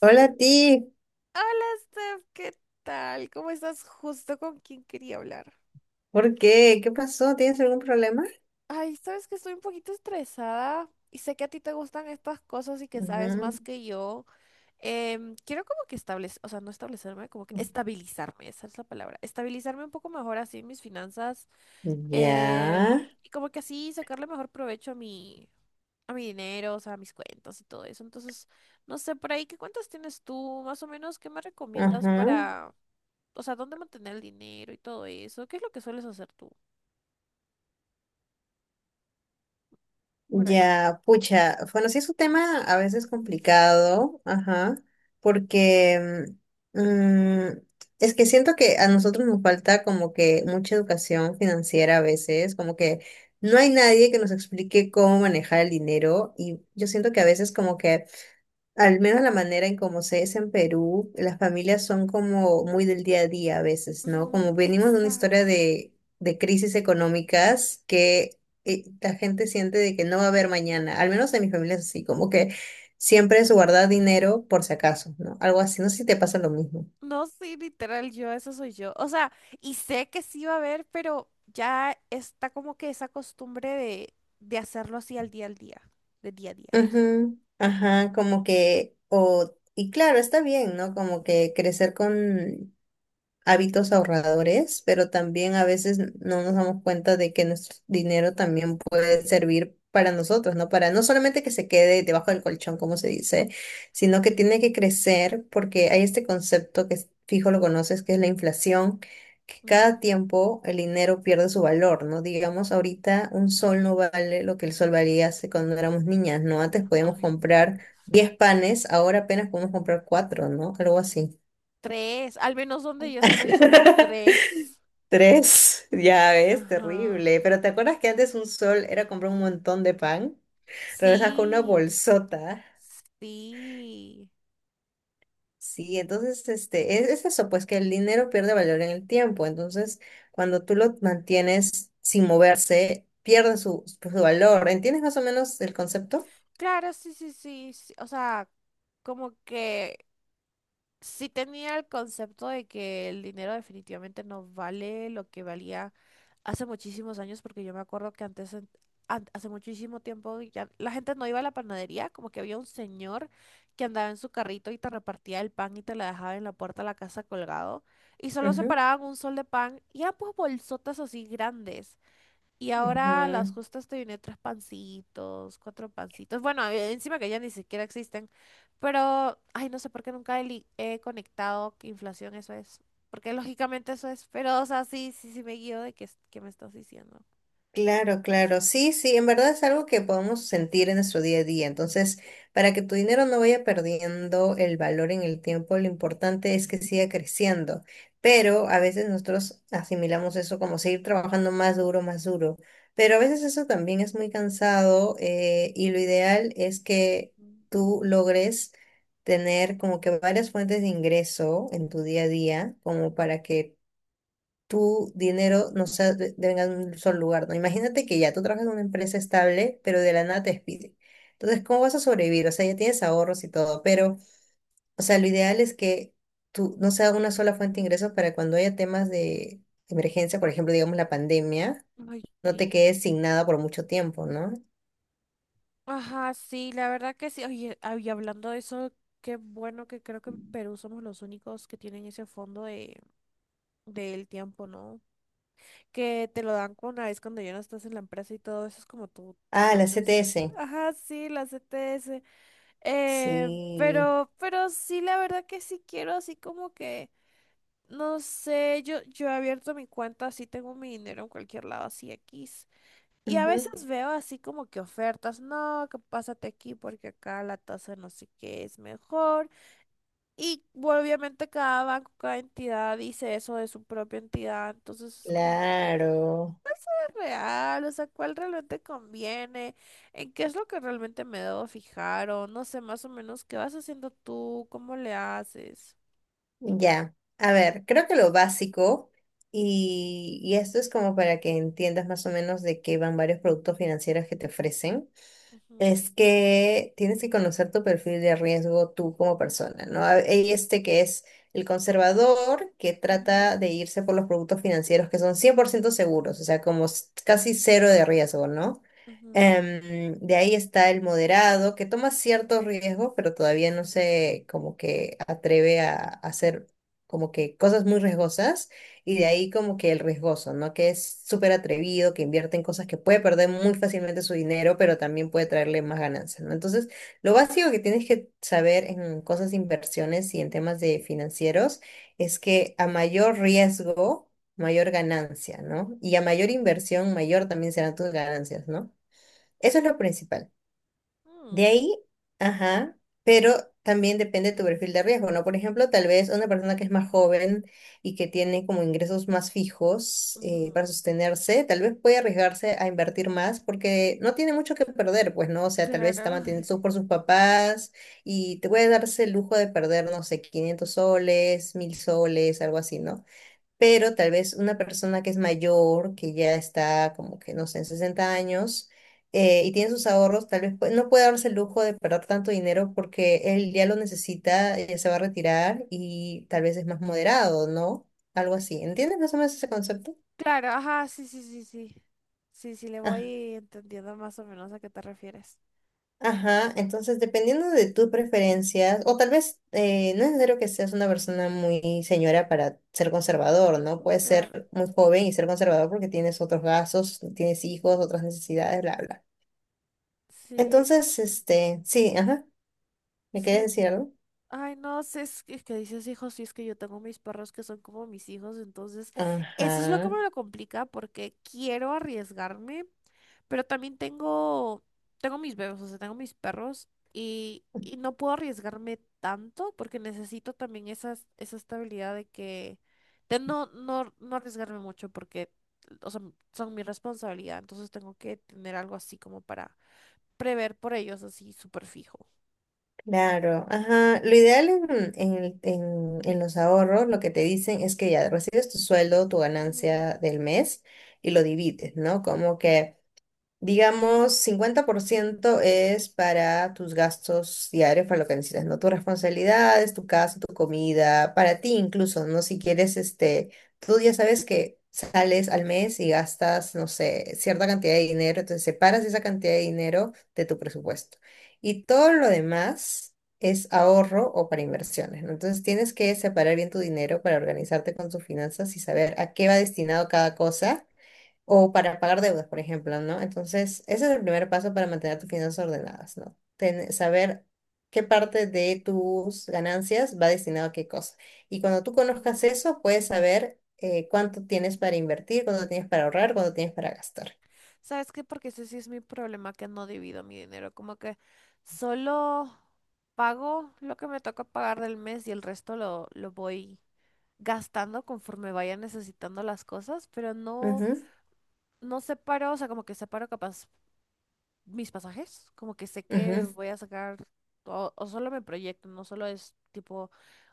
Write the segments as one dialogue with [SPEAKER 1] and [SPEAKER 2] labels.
[SPEAKER 1] Hola, ti.
[SPEAKER 2] Steph, ¿qué tal? ¿Cómo estás? Justo con quien quería hablar.
[SPEAKER 1] ¿Por qué? ¿Qué pasó? ¿Tienes algún problema?
[SPEAKER 2] Ay, sabes que estoy un poquito estresada y sé que a ti te gustan estas cosas y que sabes
[SPEAKER 1] Ujú.
[SPEAKER 2] más que yo. Quiero como que establecer, o sea, no establecerme, como que estabilizarme, esa es la palabra. Estabilizarme un poco mejor así en mis finanzas
[SPEAKER 1] Ya.
[SPEAKER 2] y como que así sacarle mejor provecho a a mi dinero, o sea, a mis cuentas y todo eso. Entonces, no sé, por ahí, ¿qué cuentas tienes tú? Más o menos, ¿qué me recomiendas
[SPEAKER 1] Ajá.
[SPEAKER 2] para... o sea, dónde mantener el dinero y todo eso? ¿Qué es lo que sueles hacer tú por ahí?
[SPEAKER 1] Ya, pucha. Bueno, sí es un tema a veces complicado, ajá, porque mm, mm, es que siento que a nosotros nos falta como que mucha educación financiera a veces, como que no hay nadie que nos explique cómo manejar el dinero y yo siento que a veces como que al menos la manera en cómo se es en Perú, las familias son como muy del día a día a veces, ¿no?
[SPEAKER 2] Mm,
[SPEAKER 1] Como venimos de una historia
[SPEAKER 2] exacto.
[SPEAKER 1] de crisis económicas que la gente siente de que no va a haber mañana, al menos en mi familia es así, como que siempre
[SPEAKER 2] Yo.
[SPEAKER 1] es guardar
[SPEAKER 2] Ajá.
[SPEAKER 1] dinero por si acaso, ¿no? Algo así, no sé si te pasa lo mismo.
[SPEAKER 2] No, sí, literal, yo, eso soy yo. O sea, y sé que sí va a haber, pero ya está como que esa costumbre de hacerlo así al día, de día a día, eso.
[SPEAKER 1] Ujú. Ajá, como que, o, y claro, está bien, ¿no? Como que crecer con hábitos ahorradores, pero también a veces no nos damos cuenta de que nuestro dinero también puede servir para nosotros, ¿no? Para no solamente que se quede debajo del colchón, como se dice, sino que
[SPEAKER 2] Ujú.
[SPEAKER 1] tiene que crecer porque hay este concepto que fijo lo conoces, que es la inflación, que
[SPEAKER 2] Mm,
[SPEAKER 1] cada tiempo el dinero pierde su valor, ¿no? Digamos, ahorita un sol no vale lo que el sol valía hace cuando éramos niñas, ¿no? Antes podíamos
[SPEAKER 2] ay, mi
[SPEAKER 1] comprar
[SPEAKER 2] Dios.
[SPEAKER 1] 10 panes, ahora apenas podemos comprar 4, ¿no? Algo así.
[SPEAKER 2] Tres, al menos donde yo estoy son tres.
[SPEAKER 1] Tres, ya ves,
[SPEAKER 2] Ajá.
[SPEAKER 1] terrible. Pero ¿te acuerdas que antes un sol era comprar un montón de pan? Regresas con una
[SPEAKER 2] Sí,
[SPEAKER 1] bolsota.
[SPEAKER 2] sí.
[SPEAKER 1] Sí, entonces este, es eso, pues que el dinero pierde valor en el tiempo. Entonces, cuando tú lo mantienes sin moverse, pierde su valor. ¿Entiendes más o menos el concepto?
[SPEAKER 2] Claro, sí, sí, sí, sí. O sea, como que sí tenía el concepto de que el dinero definitivamente no vale lo que valía hace muchísimos años, porque yo me acuerdo que antes, hace muchísimo tiempo, ya la gente no iba a la panadería, como que había un señor que andaba en su carrito y te repartía el pan y te la dejaba en la puerta de la casa colgado, y solo
[SPEAKER 1] Ujú,
[SPEAKER 2] separaban un sol de pan y eran pues bolsotas así grandes. Y ahora a
[SPEAKER 1] ujú.
[SPEAKER 2] las justas te viene tres pancitos, cuatro pancitos. Bueno, encima que ya ni siquiera existen. Pero, ay, no sé por qué nunca he conectado que inflación eso es. Porque lógicamente eso es. Pero, o sea, sí, sí, sí me guío de qué, qué me estás diciendo.
[SPEAKER 1] Claro, claro, sí, sí, en verdad es algo que podemos sentir en nuestro día a día. Entonces, para que tu dinero no vaya perdiendo el valor en el tiempo, lo importante es que siga creciendo. Pero a veces nosotros asimilamos eso como seguir trabajando más duro, más duro. Pero a veces eso también es muy cansado y lo ideal es que
[SPEAKER 2] Ujú.
[SPEAKER 1] tú logres tener como que varias fuentes de ingreso en tu día a día, como para que tu dinero no sea venga de un solo lugar, ¿no? Imagínate que ya tú trabajas en una empresa estable, pero de la nada te despiden. Entonces, ¿cómo vas a sobrevivir? O sea, ya tienes ahorros y todo, pero, o sea, lo ideal es que tú no sea una sola fuente de ingresos para cuando haya temas de emergencia, por ejemplo, digamos la pandemia,
[SPEAKER 2] Ay,
[SPEAKER 1] no te
[SPEAKER 2] sí.
[SPEAKER 1] quedes sin nada por mucho tiempo, ¿no?
[SPEAKER 2] Ajá, sí, la verdad que sí. Oye, y hablando de eso, qué bueno que creo que en Perú somos los únicos que tienen ese fondo de, del tiempo, ¿no? Que te lo dan con una vez cuando ya no estás en la empresa y todo eso es como tu
[SPEAKER 1] Ah, la CTS.
[SPEAKER 2] colchoncito. Ajá, sí, las ETS.
[SPEAKER 1] Sí.
[SPEAKER 2] Pero sí, la verdad que sí quiero así como que, no sé, yo he abierto mi cuenta, así tengo mi dinero en cualquier lado, así X. Y a
[SPEAKER 1] Ujú.
[SPEAKER 2] veces veo así como que ofertas, no, que pásate aquí porque acá la tasa no sé qué es mejor. Y bueno, obviamente cada banco, cada entidad dice eso de su propia entidad, entonces es como...
[SPEAKER 1] Claro.
[SPEAKER 2] real, o sea, cuál realmente conviene, en qué es lo que realmente me debo fijar o no sé, más o menos qué vas haciendo tú, cómo le haces.
[SPEAKER 1] Ya, a ver, creo que lo básico, y esto es como para que entiendas más o menos de qué van varios productos financieros que te ofrecen,
[SPEAKER 2] Ujú,
[SPEAKER 1] es que tienes que conocer tu perfil de riesgo tú como persona, ¿no? Hay este que es el conservador, que
[SPEAKER 2] ujú,
[SPEAKER 1] trata de irse por los productos financieros que son 100% seguros, o sea, casi cero de riesgo, ¿no?
[SPEAKER 2] ujú,
[SPEAKER 1] De ahí está el moderado, que toma ciertos riesgos, pero todavía no se como que atreve a hacer como que cosas muy riesgosas. Y de ahí como que el riesgoso, ¿no? Que es súper atrevido, que invierte en cosas que puede perder muy fácilmente su dinero, pero también puede traerle más ganancias, ¿no? Entonces, lo básico que tienes que saber en cosas de inversiones y en temas de financieros es que a mayor riesgo, mayor ganancia, ¿no? Y a mayor inversión, mayor también serán tus ganancias, ¿no? Eso es lo principal.
[SPEAKER 2] mm,
[SPEAKER 1] De ahí, ajá, pero también depende de tu perfil de riesgo, ¿no? Por ejemplo, tal vez una persona que es más joven y que tiene como ingresos más fijos para
[SPEAKER 2] ujú.
[SPEAKER 1] sostenerse, tal vez puede arriesgarse a invertir más porque no tiene mucho que perder, pues, ¿no? O sea, tal vez está
[SPEAKER 2] Claro.
[SPEAKER 1] mantenido por sus papás y te puede darse el lujo de perder, no sé, 500 soles, 1000 soles, algo así, ¿no? Pero tal vez una persona que es mayor, que ya está como que, no sé, en 60 años y tiene sus ahorros, no puede darse el lujo de perder tanto dinero porque él ya lo necesita, ya se va a retirar y tal vez es más moderado, ¿no? Algo así. ¿Entiendes más o menos ese concepto?
[SPEAKER 2] Claro, ajá, sí, sí, sí, sí. Sí, sí, le voy entendiendo más o menos a qué te refieres.
[SPEAKER 1] Ajá, entonces dependiendo de tus preferencias, o tal vez no es necesario que seas una persona muy señora para ser conservador, ¿no? Puedes
[SPEAKER 2] Claro,
[SPEAKER 1] ser muy joven y ser conservador porque tienes otros gastos, tienes hijos, otras necesidades, bla, bla.
[SPEAKER 2] sí,
[SPEAKER 1] Entonces, este, sí, ajá, ¿me quieres
[SPEAKER 2] sí.
[SPEAKER 1] decir algo?
[SPEAKER 2] Ay, no sé es que dices hijos, sí es que yo tengo mis perros que son como mis hijos, entonces eso es lo que
[SPEAKER 1] Ajá,
[SPEAKER 2] me lo complica porque quiero arriesgarme, pero también tengo mis bebés, o sea, tengo mis perros y no puedo arriesgarme tanto porque necesito también esa estabilidad de no, no, no arriesgarme mucho porque, o sea, son mi responsabilidad, entonces tengo que tener algo así como para prever por ellos así súper fijo.
[SPEAKER 1] claro, ajá. Lo ideal en los ahorros, lo que te dicen es que ya recibes tu sueldo, tu
[SPEAKER 2] Ujú,
[SPEAKER 1] ganancia del mes y lo divides, ¿no? Como que… Digamos, 50% es para tus gastos diarios, para lo que necesitas, ¿no? Tus responsabilidades, tu casa, tu comida, para ti incluso, ¿no? Si quieres, este, tú ya sabes que sales al mes y gastas, no sé, cierta cantidad de dinero, entonces separas esa cantidad de dinero de tu presupuesto. Y todo lo demás es ahorro o para inversiones, ¿no? Entonces tienes que separar bien tu dinero para organizarte con tus finanzas y saber a qué va destinado cada cosa o para pagar deudas, por ejemplo, ¿no? Entonces, ese es el primer paso para mantener tus finanzas ordenadas, ¿no? Saber qué parte de tus ganancias va destinado a qué cosa. Y cuando tú conozcas
[SPEAKER 2] ujú.
[SPEAKER 1] eso, puedes saber cuánto tienes para invertir, cuánto tienes para ahorrar, cuánto tienes para gastar.
[SPEAKER 2] ¿Sabes qué? Porque ese sí es mi problema, que no divido mi dinero. Como que solo pago lo que me toca pagar del mes y el resto lo voy gastando conforme vaya necesitando las cosas, pero no,
[SPEAKER 1] Ujú,
[SPEAKER 2] no separo, o sea, como que separo capaz mis pasajes, como que sé que
[SPEAKER 1] ujú,
[SPEAKER 2] voy a sacar, o solo me proyecto, no solo es tipo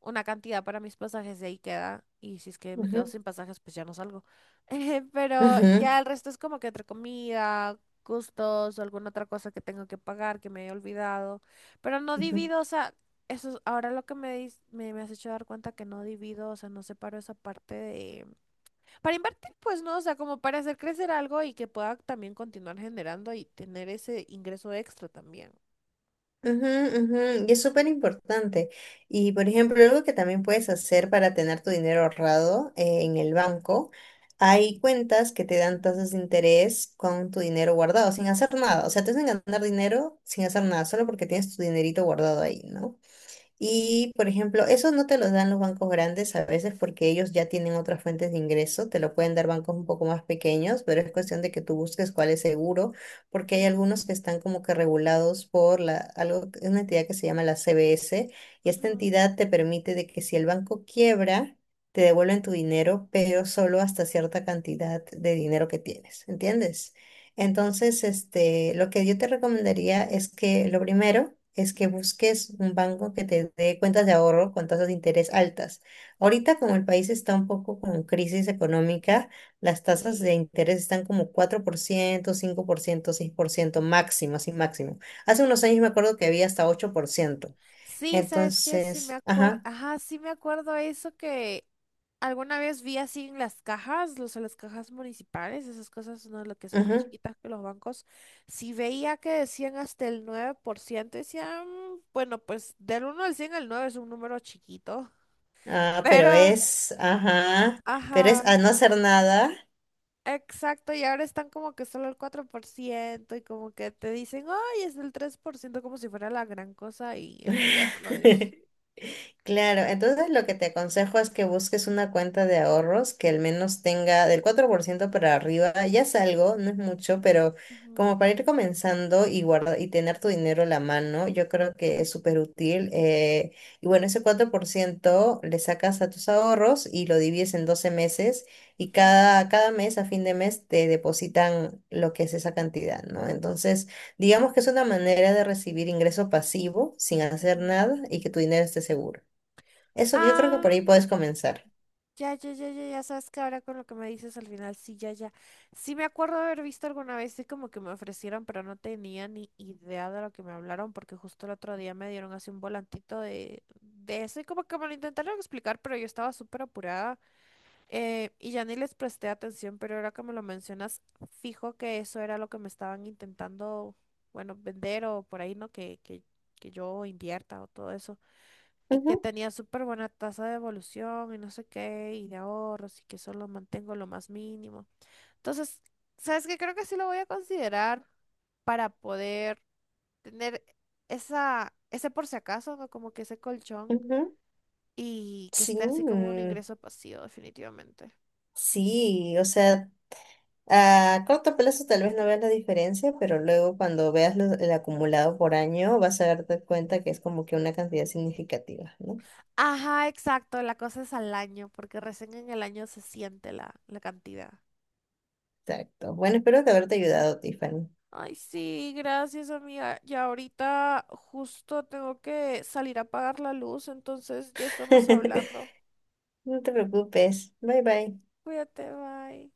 [SPEAKER 2] una cantidad para mis pasajes y ahí queda, y si es que me quedo
[SPEAKER 1] ujú,
[SPEAKER 2] sin pasajes, pues ya no salgo. Pero
[SPEAKER 1] ujú,
[SPEAKER 2] ya el resto es como que entre comida, gustos, o alguna otra cosa que tengo que pagar que me he olvidado, pero no
[SPEAKER 1] ujú.
[SPEAKER 2] divido, o sea, eso es ahora lo que me has hecho dar cuenta que no divido, o sea, no separo esa parte para invertir, pues no, o sea, como para hacer crecer algo y que pueda también continuar generando y tener ese ingreso extra también.
[SPEAKER 1] Ujú, ujú. Y es súper importante. Y por ejemplo, algo que también puedes hacer para tener tu dinero ahorrado en el banco, hay cuentas que te dan
[SPEAKER 2] Ujú,
[SPEAKER 1] tasas de interés con tu dinero guardado, sin hacer nada. O sea, te hacen ganar dinero sin hacer nada, solo porque tienes tu dinerito guardado ahí, ¿no? Y, por ejemplo, eso no te lo dan los bancos grandes a veces porque ellos ya tienen otras fuentes de ingreso, te lo pueden dar bancos un poco más pequeños, pero es cuestión de que tú busques cuál es seguro, porque hay
[SPEAKER 2] ujú,
[SPEAKER 1] algunos que están como que regulados por la, algo, es una entidad que se llama la CBS, y esta
[SPEAKER 2] ujú.
[SPEAKER 1] entidad te permite de que si el banco quiebra, te devuelven tu dinero, pero solo hasta cierta cantidad de dinero que tienes, ¿entiendes? Entonces, este, lo que yo te recomendaría es que lo primero es que busques un banco que te dé cuentas de ahorro con tasas de interés altas. Ahorita, como el país está un poco con crisis económica, las tasas de
[SPEAKER 2] Y-
[SPEAKER 1] interés están como cuatro por ciento, ciento, 5%, 6% máximo, así máximo. Hace unos años me acuerdo que había hasta 8%.
[SPEAKER 2] Sí, ¿sabes qué? Sí me
[SPEAKER 1] Entonces,
[SPEAKER 2] acuerdo,
[SPEAKER 1] ajá,
[SPEAKER 2] ajá, sí me acuerdo eso que alguna vez vi así en las cajas, las cajas municipales, esas cosas, ¿no? Lo que son más
[SPEAKER 1] ajá,
[SPEAKER 2] chiquitas que los bancos, sí veía que decían hasta el 9% decían, bueno, pues del 1 al 100 el 9 es un número chiquito,
[SPEAKER 1] ah, pero
[SPEAKER 2] pero,
[SPEAKER 1] es, ajá, pero
[SPEAKER 2] ajá.
[SPEAKER 1] es a no hacer nada.
[SPEAKER 2] Exacto, y ahora están como que solo el 4% y como que te dicen, ay, es del 3% como si fuera la gran cosa y en realidad no lo es.
[SPEAKER 1] Claro, entonces lo que te aconsejo es que busques una cuenta de ahorros que al menos tenga del 4% para arriba, ya es algo, no es mucho, pero
[SPEAKER 2] Ujú,
[SPEAKER 1] como para ir comenzando y guardar y tener tu dinero a la mano, yo creo que es súper útil. Y bueno, ese 4% le sacas a tus ahorros y lo divides en 12 meses y
[SPEAKER 2] ujú,
[SPEAKER 1] cada mes, a fin de mes, te depositan lo que es esa cantidad, ¿no? Entonces… Digamos que es una manera de recibir ingreso pasivo sin hacer
[SPEAKER 2] ujú.
[SPEAKER 1] nada y que tu dinero esté seguro. Eso que yo creo que por
[SPEAKER 2] Ah,
[SPEAKER 1] ahí puedes comenzar.
[SPEAKER 2] ya, ya, ya, ya, ya sabes que ahora con lo que me dices al final, sí, ya, ya. Sí me acuerdo de haber visto alguna vez, y como que me ofrecieron, pero no tenía ni idea de lo que me hablaron, porque justo el otro día me dieron así un volantito de eso y como que me lo intentaron explicar, pero yo estaba súper apurada. Y ya ni les presté atención, pero ahora que me lo mencionas, fijo que eso era lo que me estaban intentando, bueno, vender o por ahí, ¿no? Que yo invierta o todo eso. Y que
[SPEAKER 1] Ujú,
[SPEAKER 2] tenía súper buena tasa de evolución y no sé qué, y de ahorros, y que solo mantengo lo más mínimo. Entonces, ¿sabes qué? Creo que sí lo voy a considerar para poder tener ese por si acaso, ¿no? Como que ese colchón
[SPEAKER 1] ujú.
[SPEAKER 2] y que
[SPEAKER 1] Sí,
[SPEAKER 2] esté así como un
[SPEAKER 1] mm,
[SPEAKER 2] ingreso pasivo, definitivamente.
[SPEAKER 1] sí, o sea, a corto plazo tal vez no veas la diferencia, pero luego cuando veas el acumulado por año vas a darte cuenta que es como que una cantidad significativa, ¿no?
[SPEAKER 2] Ajá, exacto, la cosa es al año, porque recién en el año se siente la cantidad.
[SPEAKER 1] Exacto. Bueno, espero que haberte ayudado, Tiffany.
[SPEAKER 2] Ay, sí, gracias, amiga. Ya ahorita justo tengo que salir a pagar la luz, entonces ya estamos hablando.
[SPEAKER 1] No te preocupes. Bye bye.
[SPEAKER 2] Cuídate, bye.